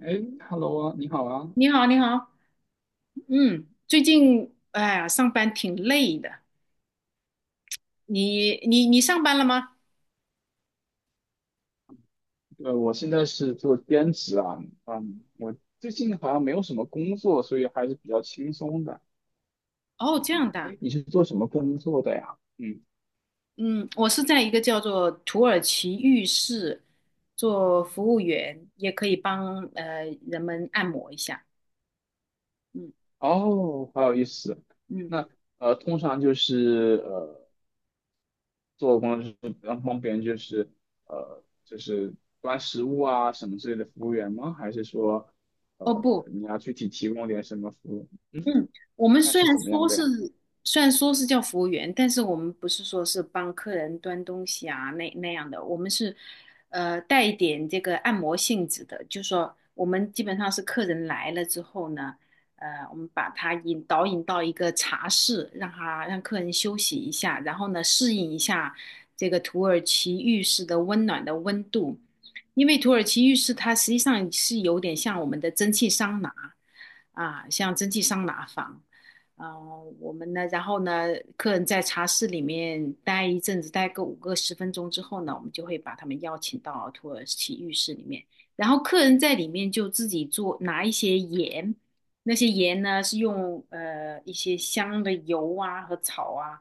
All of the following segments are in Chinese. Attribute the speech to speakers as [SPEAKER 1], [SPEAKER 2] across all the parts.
[SPEAKER 1] 哎，Hello 啊，你好啊。
[SPEAKER 2] 你好，你好，嗯，最近哎呀，上班挺累的。你上班了吗？
[SPEAKER 1] 我现在是做兼职啊，嗯，我最近好像没有什么工作，所以还是比较轻松的。
[SPEAKER 2] 哦，
[SPEAKER 1] 嗯，
[SPEAKER 2] 这样的，
[SPEAKER 1] 哎，你是做什么工作的呀？嗯，
[SPEAKER 2] 嗯，我是在一个叫做土耳其浴室做服务员，也可以帮人们按摩一下。嗯
[SPEAKER 1] 哦，好有意思。
[SPEAKER 2] 嗯，
[SPEAKER 1] 那呃，通常就是呃，做工作就是帮别人，就是端食物啊什么之类的服务员吗？还是说
[SPEAKER 2] 哦
[SPEAKER 1] 呃，
[SPEAKER 2] 不，
[SPEAKER 1] 你要具体提供点什么服务？
[SPEAKER 2] 嗯，我们
[SPEAKER 1] 那
[SPEAKER 2] 虽然
[SPEAKER 1] 是怎么样
[SPEAKER 2] 说
[SPEAKER 1] 的
[SPEAKER 2] 是
[SPEAKER 1] 呀？
[SPEAKER 2] 虽然说是叫服务员，但是我们不是说是帮客人端东西啊那样的，我们是带一点这个按摩性质的，就是说我们基本上是客人来了之后呢，我们把他引到一个茶室，让客人休息一下，然后呢适应一下这个土耳其浴室的温暖的温度，因为土耳其浴室它实际上是有点像我们的蒸汽桑拿。啊，像蒸汽桑拿房，啊，我们呢，然后呢，客人在茶室里面待一阵子，待个五个十分钟之后呢，我们就会把他们邀请到土耳其浴室里面，然后客人在里面就自己做，拿一些盐，那些盐呢是用一些香的油啊和草啊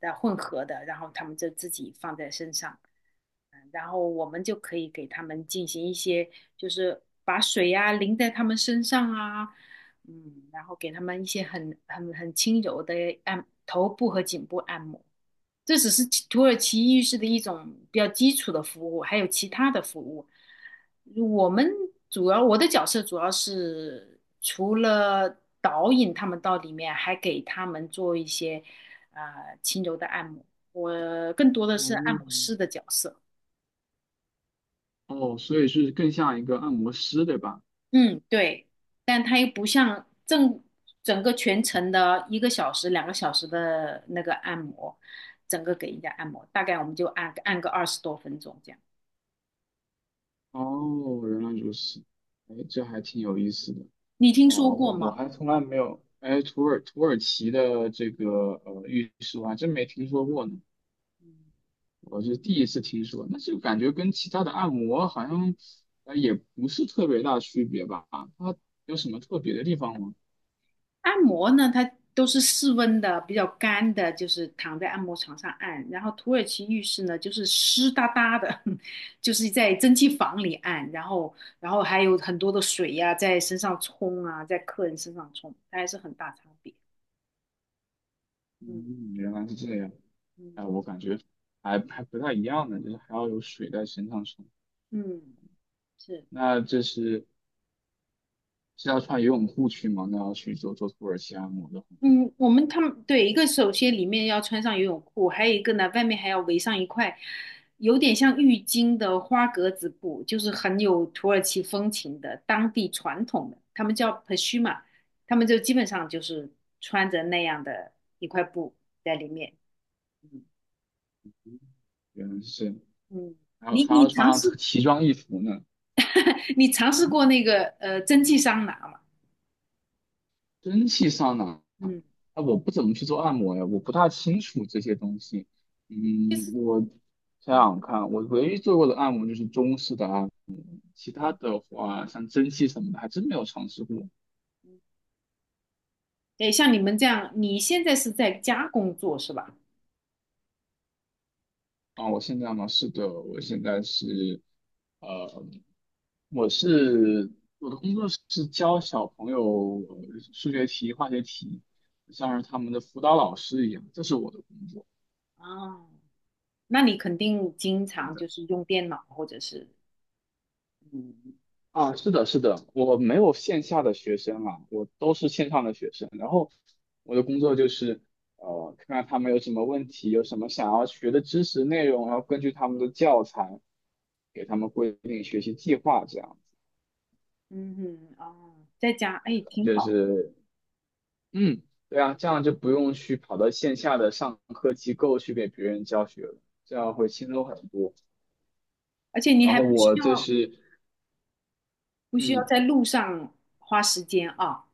[SPEAKER 2] 的混合的，然后他们就自己放在身上。然后我们就可以给他们进行一些，就是把水呀、淋在他们身上啊，嗯，然后给他们一些很轻柔的按头部和颈部按摩。这只是其土耳其浴室的一种比较基础的服务，还有其他的服务。我们我的角色主要是除了导引他们到里面，还给他们做一些呃轻柔的按摩。我更多的是按摩
[SPEAKER 1] 嗯。
[SPEAKER 2] 师的角色。
[SPEAKER 1] 哦，所以是更像一个按摩师，对吧？
[SPEAKER 2] 嗯，对，但它又不像整个全程的1个小时、2个小时的那个按摩，整个给人家按摩，大概我们就按个二十多分钟这样。
[SPEAKER 1] 哦，原来如此，哎，这还挺有意思的。
[SPEAKER 2] 你听
[SPEAKER 1] 哦，
[SPEAKER 2] 说过
[SPEAKER 1] 我
[SPEAKER 2] 吗？
[SPEAKER 1] 还从来没有，哎，土耳其的这个浴室我还真没听说过呢，我是第一次听说。那就感觉跟其他的按摩好像，呃，也不是特别大区别吧？它有什么特别的地方吗？
[SPEAKER 2] 按摩呢，它都是室温的，比较干的，就是躺在按摩床上按。然后土耳其浴室呢，就是湿哒哒的，就是在蒸汽房里按，然后还有很多的水呀、在身上冲啊，在客人身上冲，它还是很大差别。嗯
[SPEAKER 1] 嗯，原来是这样。
[SPEAKER 2] 嗯。
[SPEAKER 1] 哎，我感觉还不太一样呢，就是还要有水在身上冲。
[SPEAKER 2] 嗯，是，
[SPEAKER 1] 那这是是要穿游泳裤去吗？那要去做土耳其按摩的话，
[SPEAKER 2] 嗯，我们他们对一个首先里面要穿上游泳裤，还有一个呢，外面还要围上一块有点像浴巾的花格子布，就是很有土耳其风情的当地传统的，他们叫 pashma，他们就基本上就是穿着那样的一块布在里面。嗯
[SPEAKER 1] 原来是，
[SPEAKER 2] 嗯，
[SPEAKER 1] 还有
[SPEAKER 2] 你
[SPEAKER 1] 还要
[SPEAKER 2] 你
[SPEAKER 1] 穿
[SPEAKER 2] 尝
[SPEAKER 1] 上
[SPEAKER 2] 试
[SPEAKER 1] 奇装异服呢。
[SPEAKER 2] 你尝试
[SPEAKER 1] 嗯
[SPEAKER 2] 过那个蒸汽桑拿吗？
[SPEAKER 1] 蒸汽上拿，
[SPEAKER 2] 嗯，
[SPEAKER 1] 啊，我不怎么去做按摩呀，我不大清楚这些东西。
[SPEAKER 2] 就
[SPEAKER 1] 嗯，
[SPEAKER 2] 是
[SPEAKER 1] 我想
[SPEAKER 2] 嗯，
[SPEAKER 1] 想看，我唯一做过的按摩就是中式的按摩，其他的话像蒸汽什么的还真没有尝试过。
[SPEAKER 2] 对，像你们这样，你现在是在家工作是吧？
[SPEAKER 1] 啊，我现在吗？是的，我现在是，呃，我是我的工作是教小朋友数学题、化学题，像是他们的辅导老师一样，这是我的工作。
[SPEAKER 2] 哦，那你肯定经
[SPEAKER 1] 对
[SPEAKER 2] 常
[SPEAKER 1] 的。
[SPEAKER 2] 就是用电脑或者是嗯，对的，
[SPEAKER 1] 啊，是的，是的，我没有线下的学生啊，我都是线上的学生。然后我的工作就是，呃，看看他们有什么问题，有什么想要学的知识内容，然后根据他们的教材，给他们规定学习计划，这样
[SPEAKER 2] 嗯哼，哦，在家，
[SPEAKER 1] 子，
[SPEAKER 2] 哎，挺
[SPEAKER 1] 就
[SPEAKER 2] 好，
[SPEAKER 1] 是。嗯，对啊，这样就不用去跑到线下的上课机构去给别人教学了，这样会轻松很多。
[SPEAKER 2] 而且你
[SPEAKER 1] 然
[SPEAKER 2] 还
[SPEAKER 1] 后我这是，
[SPEAKER 2] 不需要
[SPEAKER 1] 嗯，
[SPEAKER 2] 在路上花时间啊，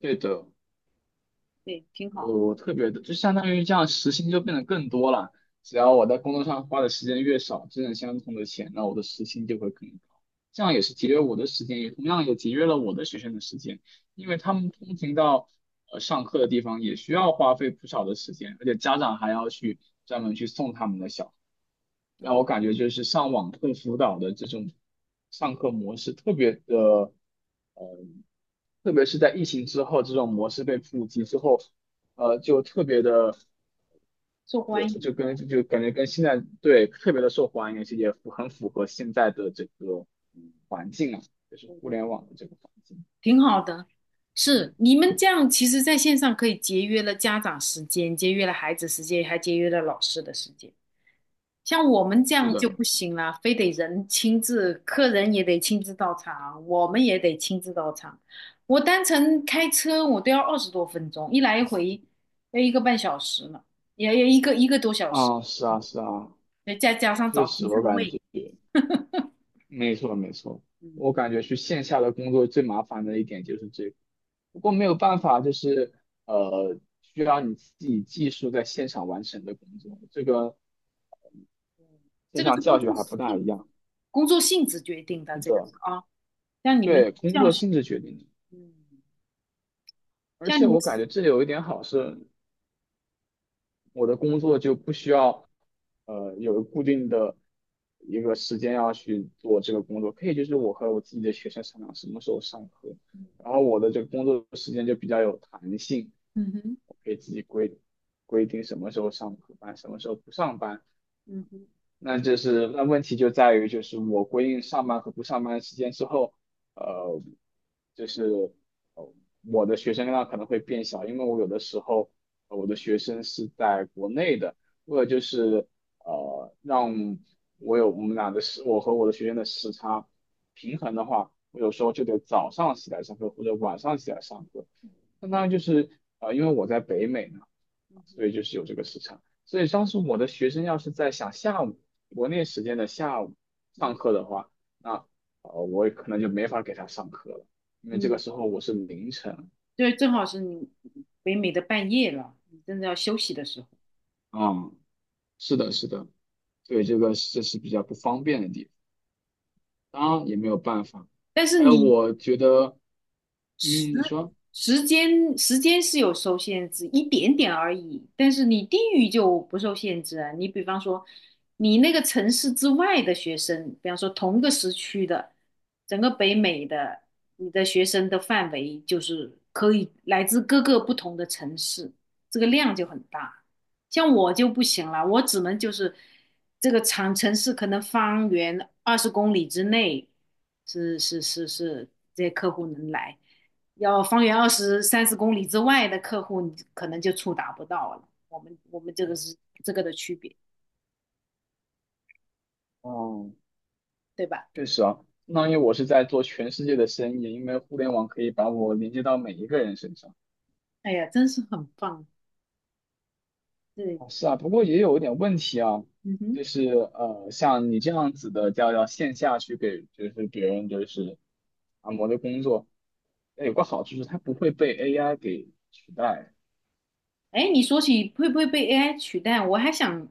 [SPEAKER 1] 对的，
[SPEAKER 2] 对，挺好，
[SPEAKER 1] 我特别的，就相当于这样时薪就变得更多了。只要我在工作上花的时间越少，挣的相同的钱，那我的时薪就会更高。这样也是节约我的时间，也同样也节约了我的学生的时间，因为他们通勤到上课的地方也需要花费不少的时间，而且家长还要去专门去送他们的小。让
[SPEAKER 2] 哦，
[SPEAKER 1] 我感觉就是上网课辅导的这种上课模式特别的，特别是在疫情之后，这种模式被普及之后，呃，就特别的，
[SPEAKER 2] 受
[SPEAKER 1] 呃
[SPEAKER 2] 欢
[SPEAKER 1] 就
[SPEAKER 2] 迎，
[SPEAKER 1] 跟就感觉跟现在对特别的受欢迎，而且也很符合现在的这个
[SPEAKER 2] 嗯，
[SPEAKER 1] 环境啊，就是
[SPEAKER 2] 对
[SPEAKER 1] 互
[SPEAKER 2] 对，
[SPEAKER 1] 联网的这个环境。
[SPEAKER 2] 挺好的。是，你们这样其实在线上可以节约了家长时间，节约了孩子时间，还节约了老师的时间。像我们这
[SPEAKER 1] 是
[SPEAKER 2] 样就
[SPEAKER 1] 的，
[SPEAKER 2] 不行了，非得人亲自，客人也得亲自到场，我们也得亲自到场。我单程开车我都要二十多分钟，一来一回要1个半小时呢，也要1个多小时，
[SPEAKER 1] 啊，是啊，是啊，
[SPEAKER 2] 再加上
[SPEAKER 1] 确
[SPEAKER 2] 找停
[SPEAKER 1] 实
[SPEAKER 2] 车
[SPEAKER 1] 我感
[SPEAKER 2] 位，
[SPEAKER 1] 觉。没错，没错，
[SPEAKER 2] 嗯，
[SPEAKER 1] 我感觉去线下的工作最麻烦的一点就是这个，不过没有办法，就是呃，需要你自己技术在现场完成的工作，这个
[SPEAKER 2] 这
[SPEAKER 1] 线
[SPEAKER 2] 个是
[SPEAKER 1] 上教学还不大一样。
[SPEAKER 2] 工作性质决定的，
[SPEAKER 1] 是
[SPEAKER 2] 这个是
[SPEAKER 1] 的，
[SPEAKER 2] 啊，像你们
[SPEAKER 1] 对，工
[SPEAKER 2] 教
[SPEAKER 1] 作
[SPEAKER 2] 学，
[SPEAKER 1] 性质决定的，
[SPEAKER 2] 嗯，
[SPEAKER 1] 而
[SPEAKER 2] 像你
[SPEAKER 1] 且
[SPEAKER 2] 们，
[SPEAKER 1] 我感觉这里有一点好是。我的工作就不需要，呃，有固定的一个时间要去做这个工作，可以就是我和我自己的学生商量什么时候上课，然后我的这个工作时间就比较有弹性，
[SPEAKER 2] 嗯哼，
[SPEAKER 1] 我可以自己规规定什么时候上课班，什么时候不上班，
[SPEAKER 2] 嗯哼，
[SPEAKER 1] 那就是那问题就在于，就是我规定上班和不上班的时间之后，呃，就是呃我的学生量可能会变小，因为我有的时候我的学生是在国内的，为了就是呃让我有我们俩的时，我和我的学生的时差平衡的话，我有时候就得早上起来上课或者晚上起来上课。相当于就是因为我在北美嘛。
[SPEAKER 2] 嗯
[SPEAKER 1] 所
[SPEAKER 2] 哼，
[SPEAKER 1] 以就是有这个时差。所以当时我的学生要是在想下午国内时间的下午
[SPEAKER 2] 嗯
[SPEAKER 1] 上课
[SPEAKER 2] 嗯。
[SPEAKER 1] 的话，那我可能就没法给他上课了，因为这个
[SPEAKER 2] 嗯
[SPEAKER 1] 时候我是凌晨。
[SPEAKER 2] 对，正好是你北美的半夜了，你真的要休息的时候。
[SPEAKER 1] 嗯，是的，是的，对，这个这是比较不方便的地方，当然也没有办法。
[SPEAKER 2] 但是
[SPEAKER 1] 还有
[SPEAKER 2] 你
[SPEAKER 1] 我觉得，嗯，
[SPEAKER 2] 时
[SPEAKER 1] 你说，
[SPEAKER 2] 时间是有受限制，一点点而已。但是你地域就不受限制啊。你比方说，你那个城市之外的学生，比方说同个时区的，整个北美的，你的学生的范围就是可以来自各个不同的城市，这个量就很大。像我就不行了，我只能就是这个长城市可能方圆20公里之内是这些客户能来。要方圆二十三十公里之外的客户，你可能就触达不到了。我们这个是这个的区别，
[SPEAKER 1] 哦，
[SPEAKER 2] 对吧？
[SPEAKER 1] 确实啊，相当于我是在做全世界的生意，因为互联网可以把我连接到每一个人身上。
[SPEAKER 2] 哎呀，真是很棒。对，
[SPEAKER 1] 哦是啊，不过也有一点问题啊，
[SPEAKER 2] 嗯哼。
[SPEAKER 1] 就是呃，像你这样子的，叫要线下去给就是别人就是按摩的工作，那有个好处是它不会被 AI 给取代。
[SPEAKER 2] 哎，你说起会不会被 AI 取代，我还想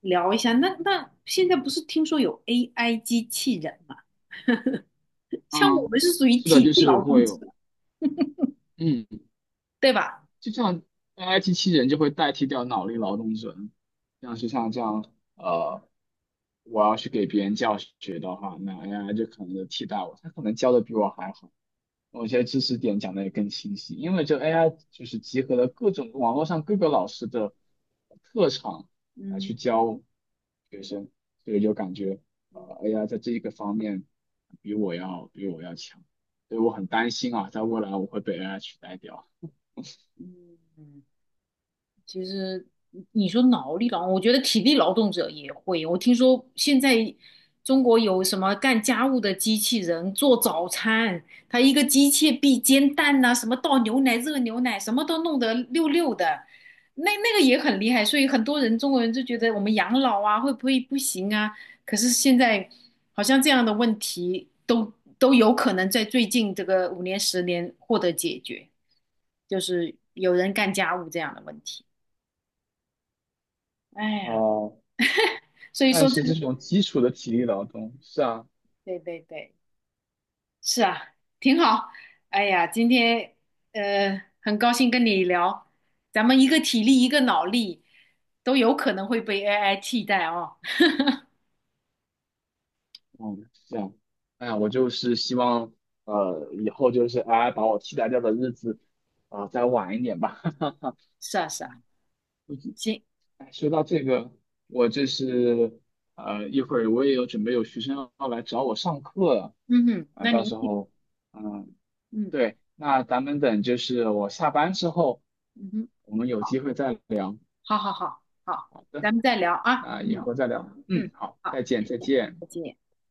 [SPEAKER 2] 聊一下。那现在不是听说有 AI 机器人嘛？像我们
[SPEAKER 1] 嗯，
[SPEAKER 2] 是属于
[SPEAKER 1] 是的，
[SPEAKER 2] 体
[SPEAKER 1] 就
[SPEAKER 2] 力
[SPEAKER 1] 是
[SPEAKER 2] 劳动
[SPEAKER 1] 会
[SPEAKER 2] 者，
[SPEAKER 1] 有，嗯，
[SPEAKER 2] 对吧？
[SPEAKER 1] 就像 AI 机器人就会代替掉脑力劳动者，像是像这样，呃，我要去给别人教学的话，那 AI 就可能就替代我，它可能教的比我还好。某些知识点讲的也更清晰，因为这 AI 就是集合了各种网络上各个老师的特长来
[SPEAKER 2] 嗯
[SPEAKER 1] 去教学生，所以就感觉
[SPEAKER 2] 嗯
[SPEAKER 1] AI 在这一个方面比我要强，所以我很担心啊，在未来我会被 AI 取代掉。
[SPEAKER 2] 嗯。其实你说脑力劳动，我觉得体力劳动者也会。我听说现在中国有什么干家务的机器人做早餐，它一个机械臂煎蛋呐、什么倒牛奶、热牛奶，什么都弄得溜溜的，那个也很厉害。所以很多人中国人就觉得我们养老啊会不会不行啊？可是现在好像这样的问题都有可能在最近这个五年十年获得解决，就是有人干家务这样的问题。哎呀，
[SPEAKER 1] 呃，
[SPEAKER 2] 所以
[SPEAKER 1] 但
[SPEAKER 2] 说这
[SPEAKER 1] 是这
[SPEAKER 2] 个，
[SPEAKER 1] 种基础的体力劳动，是啊，
[SPEAKER 2] 对对对，是啊，挺好。哎呀，今天很高兴跟你聊，咱们一个体力，一个脑力，都有可能会被 AI 替代哦。
[SPEAKER 1] 嗯，是啊，哎呀，我就是希望以后就是 AI 把我替代掉的日子啊，再晚一点吧。
[SPEAKER 2] 是啊，是啊，行，
[SPEAKER 1] 哎说到这个，我这是呃，一会儿我也有准备有学生要来找我上课了
[SPEAKER 2] 嗯哼，
[SPEAKER 1] 啊，
[SPEAKER 2] 那
[SPEAKER 1] 到
[SPEAKER 2] 您
[SPEAKER 1] 时
[SPEAKER 2] 去，
[SPEAKER 1] 候，嗯，
[SPEAKER 2] 嗯
[SPEAKER 1] 对，那咱们等就是我下班之后，
[SPEAKER 2] 嗯哼，
[SPEAKER 1] 我们有机会再聊，
[SPEAKER 2] 好好好好，咱们再聊啊，
[SPEAKER 1] 那以
[SPEAKER 2] 嗯
[SPEAKER 1] 后再聊，嗯，
[SPEAKER 2] 嗯，
[SPEAKER 1] 好，
[SPEAKER 2] 好，
[SPEAKER 1] 再见，
[SPEAKER 2] 再
[SPEAKER 1] 再
[SPEAKER 2] 见。
[SPEAKER 1] 见。
[SPEAKER 2] 再见